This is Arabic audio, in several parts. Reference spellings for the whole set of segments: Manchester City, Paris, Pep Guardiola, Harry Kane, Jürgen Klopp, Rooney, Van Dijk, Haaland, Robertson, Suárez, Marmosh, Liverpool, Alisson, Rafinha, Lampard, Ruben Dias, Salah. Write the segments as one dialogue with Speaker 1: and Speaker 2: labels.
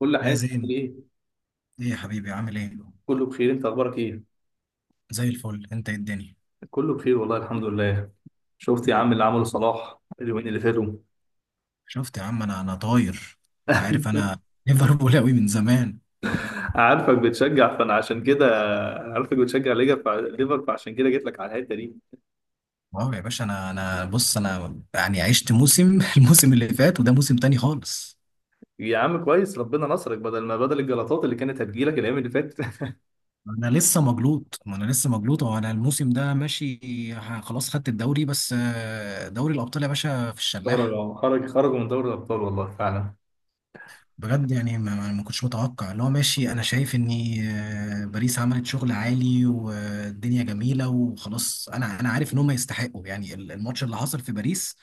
Speaker 1: كل
Speaker 2: يا
Speaker 1: عايز تعمل
Speaker 2: زين،
Speaker 1: ايه؟
Speaker 2: ايه يا حبيبي؟ عامل ايه؟
Speaker 1: كله بخير، انت اخبارك ايه؟
Speaker 2: زي الفل. انت إيه الدنيا؟
Speaker 1: كله بخير والله، الحمد لله. شفت يا عم اللي عمله صلاح اليومين اللي فاتوا؟
Speaker 2: شفت يا عم، انا طاير. انت عارف انا ليفربول قوي من زمان.
Speaker 1: عارفك بتشجع فانا عشان كده. انا عارفك بتشجع ليفر فعشان كده جيت لك على الحته دي.
Speaker 2: واو يا باشا، انا بص، انا يعني عشت موسم الموسم اللي فات، وده موسم تاني خالص.
Speaker 1: يا عم كويس ربنا نصرك، بدل ما بدل الجلطات اللي كانت هتجيلك الايام اللي فاتت.
Speaker 2: انا لسه مجلوط، ما انا لسه مجلوط، وانا الموسم ده ماشي. خلاص خدت الدوري، بس دوري الابطال يا باشا في الشلاح.
Speaker 1: خرجوا من دوري الابطال والله فعلا.
Speaker 2: بجد يعني ما كنتش متوقع اللي هو ماشي. انا شايف ان باريس عملت شغل عالي والدنيا جميله وخلاص. انا عارف ان هم يستحقوا، يعني الماتش اللي حصل في باريس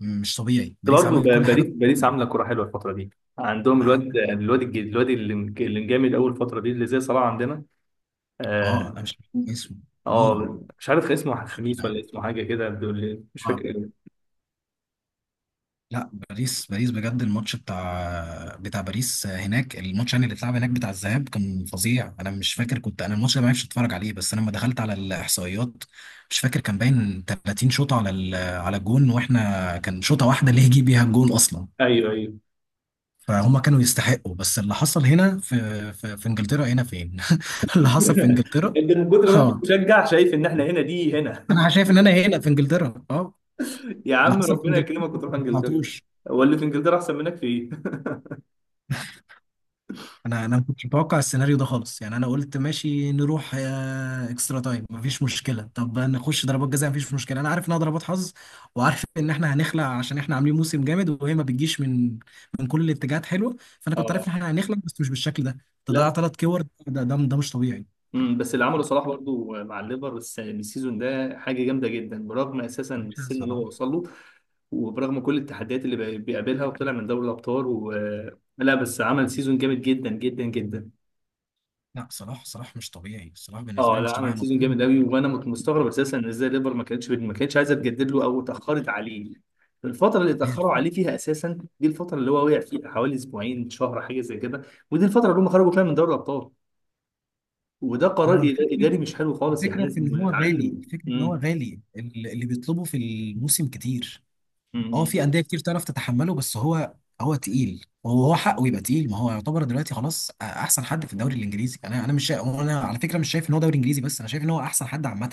Speaker 2: مش طبيعي، باريس
Speaker 1: برضه
Speaker 2: عملت كل
Speaker 1: باريس
Speaker 2: حاجه.
Speaker 1: باريس عامله كوره حلوه الفتره دي. عندهم
Speaker 2: عم-
Speaker 1: الواد اللي اللي مجامد اول فتره دي اللي زي صلاح عندنا.
Speaker 2: اه
Speaker 1: آه،
Speaker 2: انا مش عارف اسمه. مين؟
Speaker 1: اه مش عارف اسمه،
Speaker 2: مش
Speaker 1: خميس ولا
Speaker 2: عارف.
Speaker 1: اسمه حاجه كده، بيقول لي مش فاكر
Speaker 2: آه.
Speaker 1: إيه.
Speaker 2: لا باريس، باريس بجد الماتش بتاع باريس هناك، الماتش يعني اللي اتلعب هناك بتاع الذهاب كان فظيع. انا مش فاكر، كنت انا الماتش ده ما عرفتش اتفرج عليه، بس انا لما دخلت على الاحصائيات مش فاكر كان باين 30 شوطه على على الجون، واحنا كان شوطه واحده اللي يجي بيها الجون اصلا.
Speaker 1: ايوه ايوه.
Speaker 2: فهم كانوا يستحقوا، بس اللي حصل هنا في في انجلترا هنا فين؟ اللي حصل في انجلترا.
Speaker 1: انت من كتر ما انت
Speaker 2: اه،
Speaker 1: مشجع شايف ان احنا هنا، دي هنا.
Speaker 2: انا شايف ان انا هنا في انجلترا، اه.
Speaker 1: يا
Speaker 2: اللي
Speaker 1: عم
Speaker 2: حصل في
Speaker 1: ربنا
Speaker 2: انجلترا
Speaker 1: يكرمك وتروح
Speaker 2: ما
Speaker 1: انجلترا.
Speaker 2: توقعتوش.
Speaker 1: هو اللي في انجلترا احسن منك في ايه؟
Speaker 2: انا ما كنتش متوقع السيناريو ده خالص. يعني انا قلت ماشي، نروح اكسترا تايم مفيش مشكله، طب نخش ضربات جزاء مفيش مشكله، انا عارف انها ضربات حظ، وعارف ان احنا هنخلع عشان احنا عاملين موسم جامد، وهي ما بتجيش من من كل الاتجاهات حلوه. فانا كنت عارف
Speaker 1: اه
Speaker 2: ان احنا هنخلع، بس مش بالشكل ده.
Speaker 1: لا
Speaker 2: تضيع
Speaker 1: بس
Speaker 2: ثلاث كور، ده مش طبيعي.
Speaker 1: بس اللي عمله صلاح برضو مع الليفر السيزون ده حاجه جامده جدا، برغم اساسا
Speaker 2: يا باشا
Speaker 1: السن اللي
Speaker 2: صلاح،
Speaker 1: هو وصل له، وبرغم كل التحديات اللي بيقابلها وطلع من دوري الابطال لا بس عمل سيزون جامد جدا جدا جدا.
Speaker 2: لا صلاح، صلاح مش طبيعي. صلاح بالنسبه
Speaker 1: اه
Speaker 2: لي مش
Speaker 1: لا
Speaker 2: طبيعي
Speaker 1: عمل
Speaker 2: انا
Speaker 1: سيزون جامد قوي، وانا كنت مستغرب اساسا ان ازاي ليفر ما كانتش عايزه تجدد له او اتاخرت عليه. الفتره اللي
Speaker 2: هي
Speaker 1: اتاخروا
Speaker 2: الفكره،
Speaker 1: عليه فيها اساسا دي الفتره اللي هو وقع فيها، حوالي اسبوعين شهر حاجه زي كده. ودي الفتره اللي هم خرجوا فيها من دوري الابطال. وده قرار
Speaker 2: هو الفكره،
Speaker 1: اداري مش حلو خالص، يعني
Speaker 2: الفكره في
Speaker 1: لازم
Speaker 2: ان هو غالي،
Speaker 1: نتعلم
Speaker 2: الفكره ان هو
Speaker 1: امم
Speaker 2: غالي اللي بيطلبه في الموسم كتير. اه
Speaker 1: امم
Speaker 2: في انديه كتير تعرف تتحمله، بس هو، هو تقيل، وهو حقه يبقى تقيل، ما هو يعتبر دلوقتي خلاص احسن حد في الدوري الانجليزي. انا مش شا... انا على فكره مش شايف ان هو دوري انجليزي بس، انا شايف ان هو احسن حد عامه.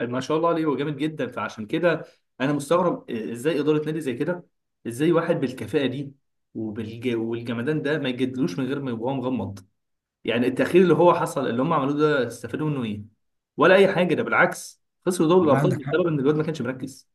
Speaker 1: ما شاء الله عليه، هو جامد جدا فعشان كده انا مستغرب ازاي اداره نادي زي كده، ازاي واحد بالكفاءه دي والجمدان ده ما يجدلوش من غير ما يبقى هو مغمض. يعني التأخير اللي هو حصل اللي هم عملوه ده استفادوا منه ايه؟ ولا أي حاجة، ده بالعكس خسروا دوري
Speaker 2: لا
Speaker 1: الأبطال
Speaker 2: عندك حق،
Speaker 1: بسبب إن الواد ما كانش مركز.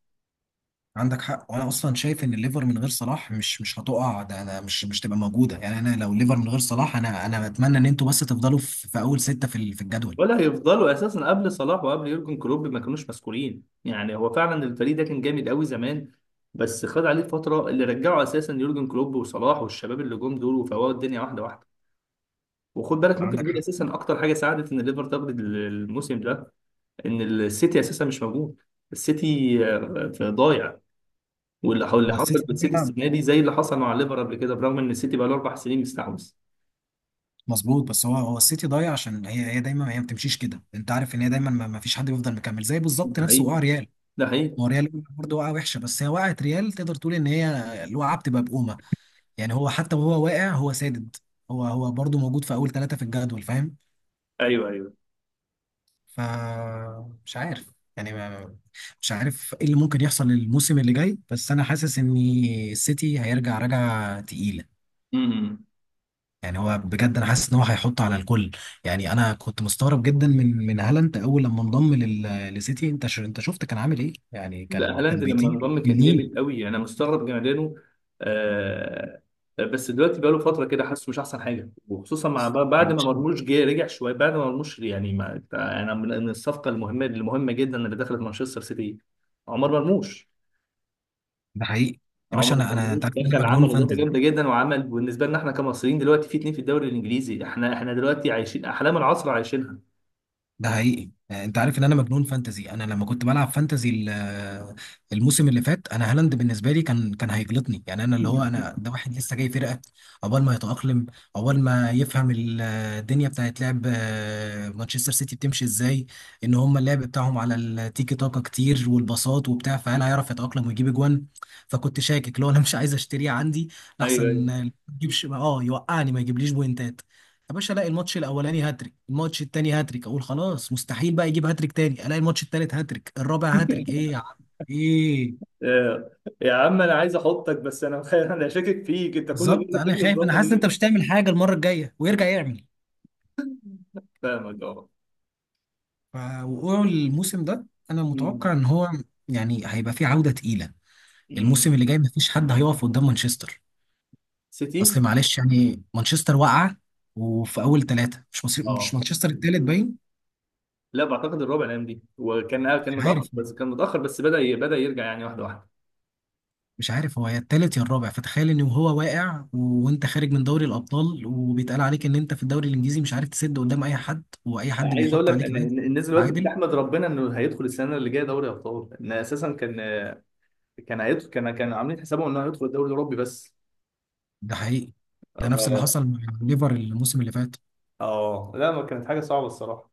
Speaker 2: عندك حق. وانا اصلا شايف ان الليفر من غير صلاح مش هتقع، ده انا مش تبقى موجوده، يعني انا لو الليفر من غير صلاح، انا بتمنى ان انتوا بس تفضلوا في اول سته في في الجدول.
Speaker 1: ولا هيفضلوا أساسا، قبل صلاح وقبل يورجن كلوب ما كانوش مسؤولين يعني. هو فعلا الفريق ده كان جامد قوي زمان، بس خد عليه فترة اللي رجعه أساسا يورجن كلوب وصلاح والشباب اللي جم دول وفوقوا الدنيا واحدة واحدة. وخد بالك ممكن
Speaker 2: عندك
Speaker 1: يكون
Speaker 2: حق.
Speaker 1: اساسا اكتر حاجه ساعدت ان الليفر تاخد الموسم ده، ان السيتي اساسا مش موجود. السيتي في ضايع. واللي
Speaker 2: هو
Speaker 1: حصل
Speaker 2: السيتي
Speaker 1: في السيتي
Speaker 2: ضايع،
Speaker 1: السنه دي زي اللي حصل مع الليفر قبل كده، برغم ان السيتي بقى له اربع سنين مستحوذ.
Speaker 2: مظبوط. بس هو السيتي ضايع عشان هي دايما، هي ما بتمشيش كده. انت عارف ان هي دايما ما فيش حد بيفضل مكمل، زي بالظبط
Speaker 1: ده
Speaker 2: نفسه
Speaker 1: حقيقي.
Speaker 2: وقع ريال.
Speaker 1: ده حقيقي.
Speaker 2: ما هو ريال برضه وقعه وحشه، بس هي وقعت ريال تقدر تقول ان هي الوقعه بتبقى بقومه. يعني هو حتى وهو واقع هو سادد. هو برضه موجود في اول ثلاثه في الجدول، فاهم؟
Speaker 1: ايوه ايوه.
Speaker 2: ف مش عارف يعني مش عارف ايه اللي ممكن يحصل الموسم اللي جاي، بس انا حاسس ان السيتي هيرجع رجعه تقيله.
Speaker 1: امم.
Speaker 2: يعني هو بجد انا حاسس ان هو هيحط على الكل. يعني انا كنت مستغرب جدا من هالاند اول لما انضم للسيتي. انت شفت كان عامل ايه؟ يعني
Speaker 1: لا
Speaker 2: كان
Speaker 1: هالاند لما
Speaker 2: بيطير
Speaker 1: انضم كان
Speaker 2: منين؟
Speaker 1: جامد قوي، انا مستغرب جمدانه. آه. بس دلوقتي بقى له فتره كده حاسه مش احسن حاجه، وخصوصا مع بعد ما مرموش جه رجع شويه. بعد ما مرموش يعني، ما انا من الصفقه المهمه جدا اللي دخلت مانشستر سيتي. عمر مرموش.
Speaker 2: ده حقيقي. يا باشا،
Speaker 1: عمر
Speaker 2: انا
Speaker 1: مرموش
Speaker 2: انت عارف ان انا
Speaker 1: دخل
Speaker 2: مجنون
Speaker 1: عمل اضافه
Speaker 2: فانتزي.
Speaker 1: جامده جدا، وعمل بالنسبه لنا احنا كمصريين دلوقتي في اتنين في الدوري الانجليزي. احنا دلوقتي عايشين احلام العصر عايشينها.
Speaker 2: ده حقيقي. انت عارف ان انا مجنون فانتزي. انا لما كنت بلعب فانتزي الموسم اللي فات، انا هالاند بالنسبه لي كان هيجلطني، يعني انا اللي هو انا ده واحد لسه جاي فرقه. عقبال ما يتاقلم، عقبال ما يفهم الدنيا بتاعت لعب، مانشستر سيتي بتمشي ازاي، ان هم اللعب بتاعهم على التيكي تاكا كتير والباصات وبتاع، فهل هيعرف يتاقلم ويجيب اجوان؟ فكنت شاكك لو انا مش عايز اشتريه عندي، لحسن
Speaker 1: ايوه ايوه.
Speaker 2: ما يجيبش اه يوقعني ما يجيبليش بوينتات. يا باشا الاقي الماتش الاولاني هاتريك، الماتش التاني هاتريك، اقول خلاص مستحيل بقى يجيب هاتريك تاني، الاقي الماتش التالت هاتريك، الرابع هاتريك. ايه يا عم؟ ايه؟
Speaker 1: آه، يا عم انا عايز احطك بس انا انا شاكك فيك، انت كل
Speaker 2: بالظبط،
Speaker 1: مره
Speaker 2: انا
Speaker 1: بتغلط
Speaker 2: خايف، انا
Speaker 1: ظن
Speaker 2: حاسس ان انت
Speaker 1: ليه.
Speaker 2: مش هتعمل حاجه المره الجايه ويرجع يعمل.
Speaker 1: فاهمك اه.
Speaker 2: ف- وقوع الموسم ده انا متوقع
Speaker 1: أمم.
Speaker 2: ان هو يعني هيبقى فيه عوده تقيله. الموسم
Speaker 1: أمم.
Speaker 2: اللي جاي مفيش حد هيقف قدام مانشستر.
Speaker 1: سيتي.
Speaker 2: اصل معلش يعني مانشستر واقعه، وفي اول ثلاثه مش مصير مش
Speaker 1: اه
Speaker 2: مانشستر التالت باين.
Speaker 1: لا بعتقد الربع الايام دي، وكان كان
Speaker 2: مش
Speaker 1: متاخر
Speaker 2: عارف،
Speaker 1: بس كان متاخر بس بدا بدا يرجع يعني واحده واحده.
Speaker 2: مش عارف هو يا التالت يا الرابع. فتخيل ان هو واقع وانت خارج من دوري الابطال، وبيتقال عليك ان انت في الدوري الانجليزي مش عارف تسد قدام اي حد، واي حد
Speaker 1: عايز اقول
Speaker 2: بيحط
Speaker 1: لك
Speaker 2: عليك
Speaker 1: ان
Speaker 2: عادي.
Speaker 1: إن الناس دلوقتي
Speaker 2: تعادل.
Speaker 1: بتحمد ربنا انه هيدخل السنه اللي جايه دوري ابطال، ان اساسا كان، كان هيدخل، كان كان عاملين حسابهم انه هيدخل الدوري الاوروبي بس.
Speaker 2: ده حقيقي. ده نفس اللي
Speaker 1: ف...
Speaker 2: حصل مع ليفر الموسم اللي فات.
Speaker 1: اه لا ما كانت حاجه صعبه الصراحه.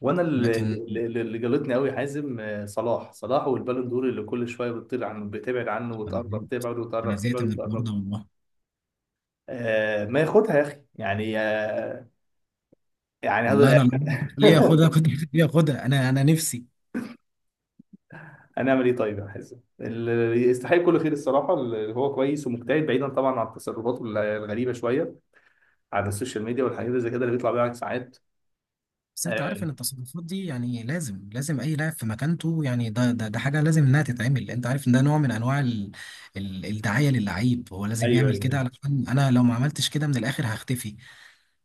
Speaker 1: وانا اللي
Speaker 2: لكن
Speaker 1: اللي اللي جلطني قوي حازم، صلاح والبالون دور اللي كل شويه بتطير عنه، بتبعد عنه
Speaker 2: انا
Speaker 1: وتقرب،
Speaker 2: زهقت،
Speaker 1: تبعد
Speaker 2: انا
Speaker 1: وتقرب، تبعد
Speaker 2: زهقت من الحوار
Speaker 1: وتقرب.
Speaker 2: ده والله.
Speaker 1: آه ما ياخدها يا اخي يعني، يعني هذا.
Speaker 2: والله انا لو، ليه اخدها؟ كنت ليه اخدها؟ انا نفسي.
Speaker 1: هنعمل ايه طيب يا حازم؟ اللي يستحق كل خير الصراحه، اللي هو كويس ومجتهد، بعيدا طبعا عن التصرفات الغريبه شويه على السوشيال ميديا والحاجات اللي زي كده اللي بيطلع بيها ساعات.
Speaker 2: بس انت عارف
Speaker 1: آه،
Speaker 2: ان التصرفات دي يعني لازم اي لاعب في مكانته، يعني ده حاجه لازم انها تتعمل. انت عارف ان ده نوع من انواع ال الدعايه للعيب. هو لازم
Speaker 1: ايوه
Speaker 2: يعمل كده
Speaker 1: ايوه.
Speaker 2: علشان انا لو ما عملتش كده من الاخر هختفي.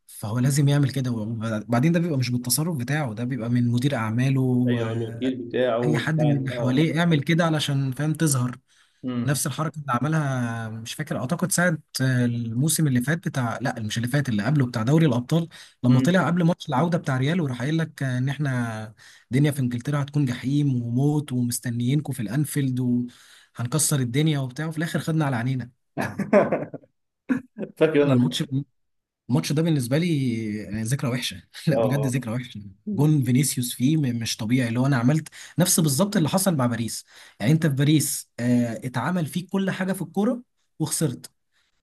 Speaker 2: فهو لازم يعمل كده، وبعدين ده بيبقى مش بالتصرف بتاعه، ده بيبقى من مدير اعماله.
Speaker 1: ايوه الوكيل بتاعه
Speaker 2: اي حد
Speaker 1: بتاع
Speaker 2: من اللي
Speaker 1: اه.
Speaker 2: حواليه يعمل كده علشان فاهم تظهر.
Speaker 1: امم.
Speaker 2: نفس الحركه اللي عملها مش فاكر، اعتقد ساعه الموسم اللي فات بتاع، لا مش اللي فات، اللي قبله بتاع دوري الابطال، لما
Speaker 1: امم.
Speaker 2: طلع قبل ماتش العوده بتاع ريال وراح قايل لك ان احنا الدنيا في انجلترا هتكون جحيم وموت ومستنيينكم في الانفيلد وهنكسر الدنيا وبتاع، وفي الاخر خدنا على عينينا.
Speaker 1: فاكر
Speaker 2: انا
Speaker 1: انا.
Speaker 2: الماتش، الماتش ده بالنسبه لي يعني ذكرى وحشه لا بجد
Speaker 1: اه.
Speaker 2: ذكرى وحشه. جون فينيسيوس فيه مش طبيعي. اللي هو انا عملت نفس بالظبط اللي حصل مع باريس. يعني انت في باريس، اتعمل فيك كل حاجه في الكوره وخسرت.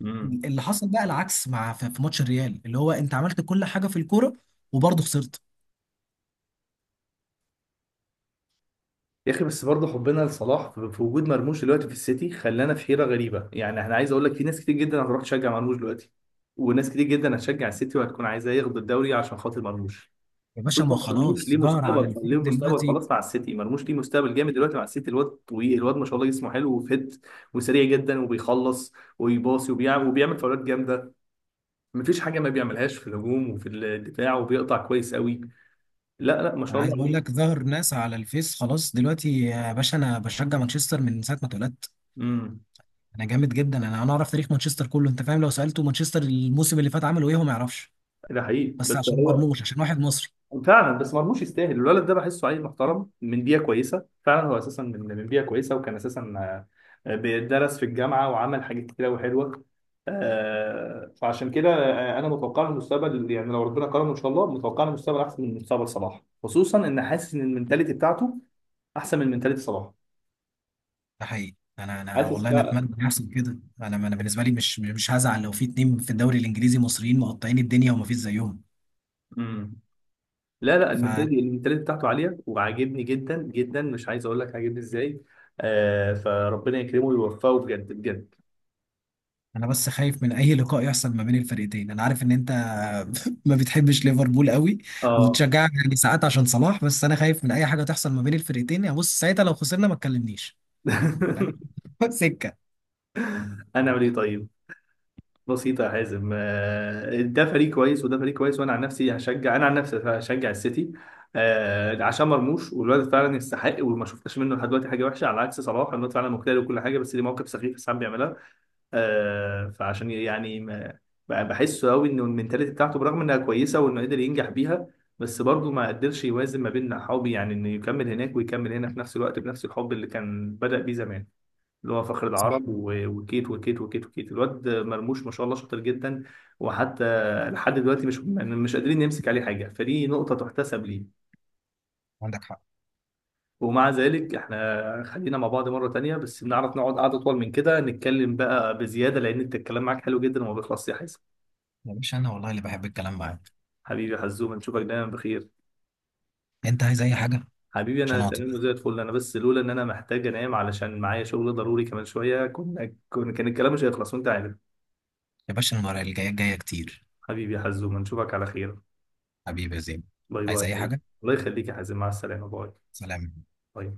Speaker 1: امم.
Speaker 2: اللي حصل بقى العكس مع، في ماتش الريال اللي هو انت عملت كل حاجه في الكوره، وبرضه خسرت.
Speaker 1: يا اخي بس برضه حبنا لصلاح في في وجود مرموش دلوقتي في السيتي خلانا في حيره غريبه. يعني انا عايز اقول لك في ناس كتير جدا هتروح تشجع مرموش دلوقتي، وناس كتير جدا هتشجع السيتي وهتكون عايزاه ياخد الدوري عشان خاطر مرموش.
Speaker 2: يا باشا ما
Speaker 1: خصوصا
Speaker 2: هو
Speaker 1: مرموش ليه
Speaker 2: خلاص ظهر على
Speaker 1: مستقبل، ليه
Speaker 2: الفيس
Speaker 1: مستقبل
Speaker 2: دلوقتي.
Speaker 1: خلاص مع السيتي. مرموش ليه مستقبل جامد دلوقتي مع السيتي. الواد طويل، الواد ما شاء الله جسمه حلو وفت، وسريع جدا، وبيخلص، ويباصي، وبيعمل وبيعمل فاولات جامده. مفيش حاجه ما بيعملهاش في الهجوم وفي الدفاع، وبيقطع كويس قوي. لا لا ما
Speaker 2: انا
Speaker 1: شاء
Speaker 2: عايز
Speaker 1: الله
Speaker 2: اقول لك
Speaker 1: عليه.
Speaker 2: ظهر ناس على الفيس خلاص دلوقتي. يا باشا انا بشجع مانشستر من ساعه ما اتولدت.
Speaker 1: امم.
Speaker 2: انا جامد جدا، انا اعرف تاريخ مانشستر كله. انت فاهم لو سالته مانشستر الموسم اللي فات عملوا ايه هو ما يعرفش،
Speaker 1: ده حقيقي
Speaker 2: بس
Speaker 1: بس
Speaker 2: عشان
Speaker 1: هو
Speaker 2: مرموش، عشان واحد مصري.
Speaker 1: فعلا بس مرموش يستاهل. الولد ده بحسه عيل محترم من بيئه كويسه، فعلا هو اساسا من بيئه كويسه، وكان اساسا بيدرس في الجامعه وعمل حاجات كتير قوي حلوه. فعشان كده انا متوقع له المستقبل، يعني لو ربنا كرمه ان شاء الله متوقع له مستقبل احسن من مستقبل صلاح، خصوصا ان حاسس ان المنتاليتي بتاعته احسن من منتاليتي صلاح.
Speaker 2: ده حقيقي. انا
Speaker 1: حاسس
Speaker 2: والله انا اتمنى إن يحصل كده. انا بالنسبه لي مش هزعل لو في اتنين في الدوري الانجليزي مصريين مقطعين الدنيا وما فيش زيهم.
Speaker 1: بقى. لا لا
Speaker 2: فانا،
Speaker 1: المنتاليتي بتاعته عاليه وعاجبني جدا جدا، مش عايز اقول لك عاجبني ازاي. آه فربنا يكرمه ويوفقه بجد بجد.
Speaker 2: انا بس خايف من اي لقاء يحصل ما بين الفرقتين. انا عارف ان انت ما بتحبش ليفربول قوي
Speaker 1: اه.
Speaker 2: وبتشجعها يعني ساعات عشان صلاح، بس انا خايف من اي حاجه تحصل ما بين الفرقتين. يا بص ساعتها لو خسرنا ما تكلمنيش، فاهم؟ سكه.
Speaker 1: انا اعمل ايه طيب؟ بسيطه يا حازم، آه ده فريق كويس وده فريق كويس، وانا عن نفسي هشجع، انا عن نفسي هشجع السيتي، آه عشان مرموش، والواد فعلا يستحق وما شفتش منه لحد دلوقتي حاجه وحشه، على عكس صلاح. الواد فعلا مجتهد وكل حاجه، بس ليه مواقف سخيفه ساعات بيعملها. فعشان يعني ما بقى بحسه قوي، انه المنتاليتي بتاعته برغم انها كويسه وانه قدر ينجح بيها، بس برضه ما قدرش يوازن ما بين حبي، يعني انه يكمل هناك ويكمل هنا في نفس الوقت بنفس الحب اللي كان بدأ بيه زمان، اللي هو فخر
Speaker 2: صح.
Speaker 1: العرب وكيت وكيت وكيت وكيت. الواد مرموش ما شاء الله شاطر جدا. وحتى لحد دلوقتي مش قادرين نمسك عليه حاجه، فدي نقطه تحتسب ليه.
Speaker 2: عندك حق.
Speaker 1: ومع ذلك احنا خلينا مع بعض مرة تانية، بس بنعرف نقعد قعدة أطول من كده نتكلم بقى بزيادة، لأن انت الكلام معاك حلو جدا وما بيخلصش يا حازم.
Speaker 2: يا باشا انا والله اللي بحب الكلام معاك.
Speaker 1: حبيبي يا حزوم نشوفك دايما بخير.
Speaker 2: انت عايز اي حاجه
Speaker 1: حبيبي انا
Speaker 2: عشان اعطيك؟
Speaker 1: تمام وزي الفل انا، بس لولا ان انا محتاج انام علشان معايا شغل ضروري كمان شويه كنا كان الكلام مش هيخلص وانت عارف.
Speaker 2: يا باشا المره الجايه جايه كتير.
Speaker 1: حبيبي يا حزوم نشوفك على خير.
Speaker 2: حبيبي يا زين.
Speaker 1: باي باي
Speaker 2: عايز
Speaker 1: يا
Speaker 2: اي
Speaker 1: حبيبي.
Speaker 2: حاجه؟
Speaker 1: الله يخليك يا حازم، مع السلامه. باي
Speaker 2: سلام.
Speaker 1: باي.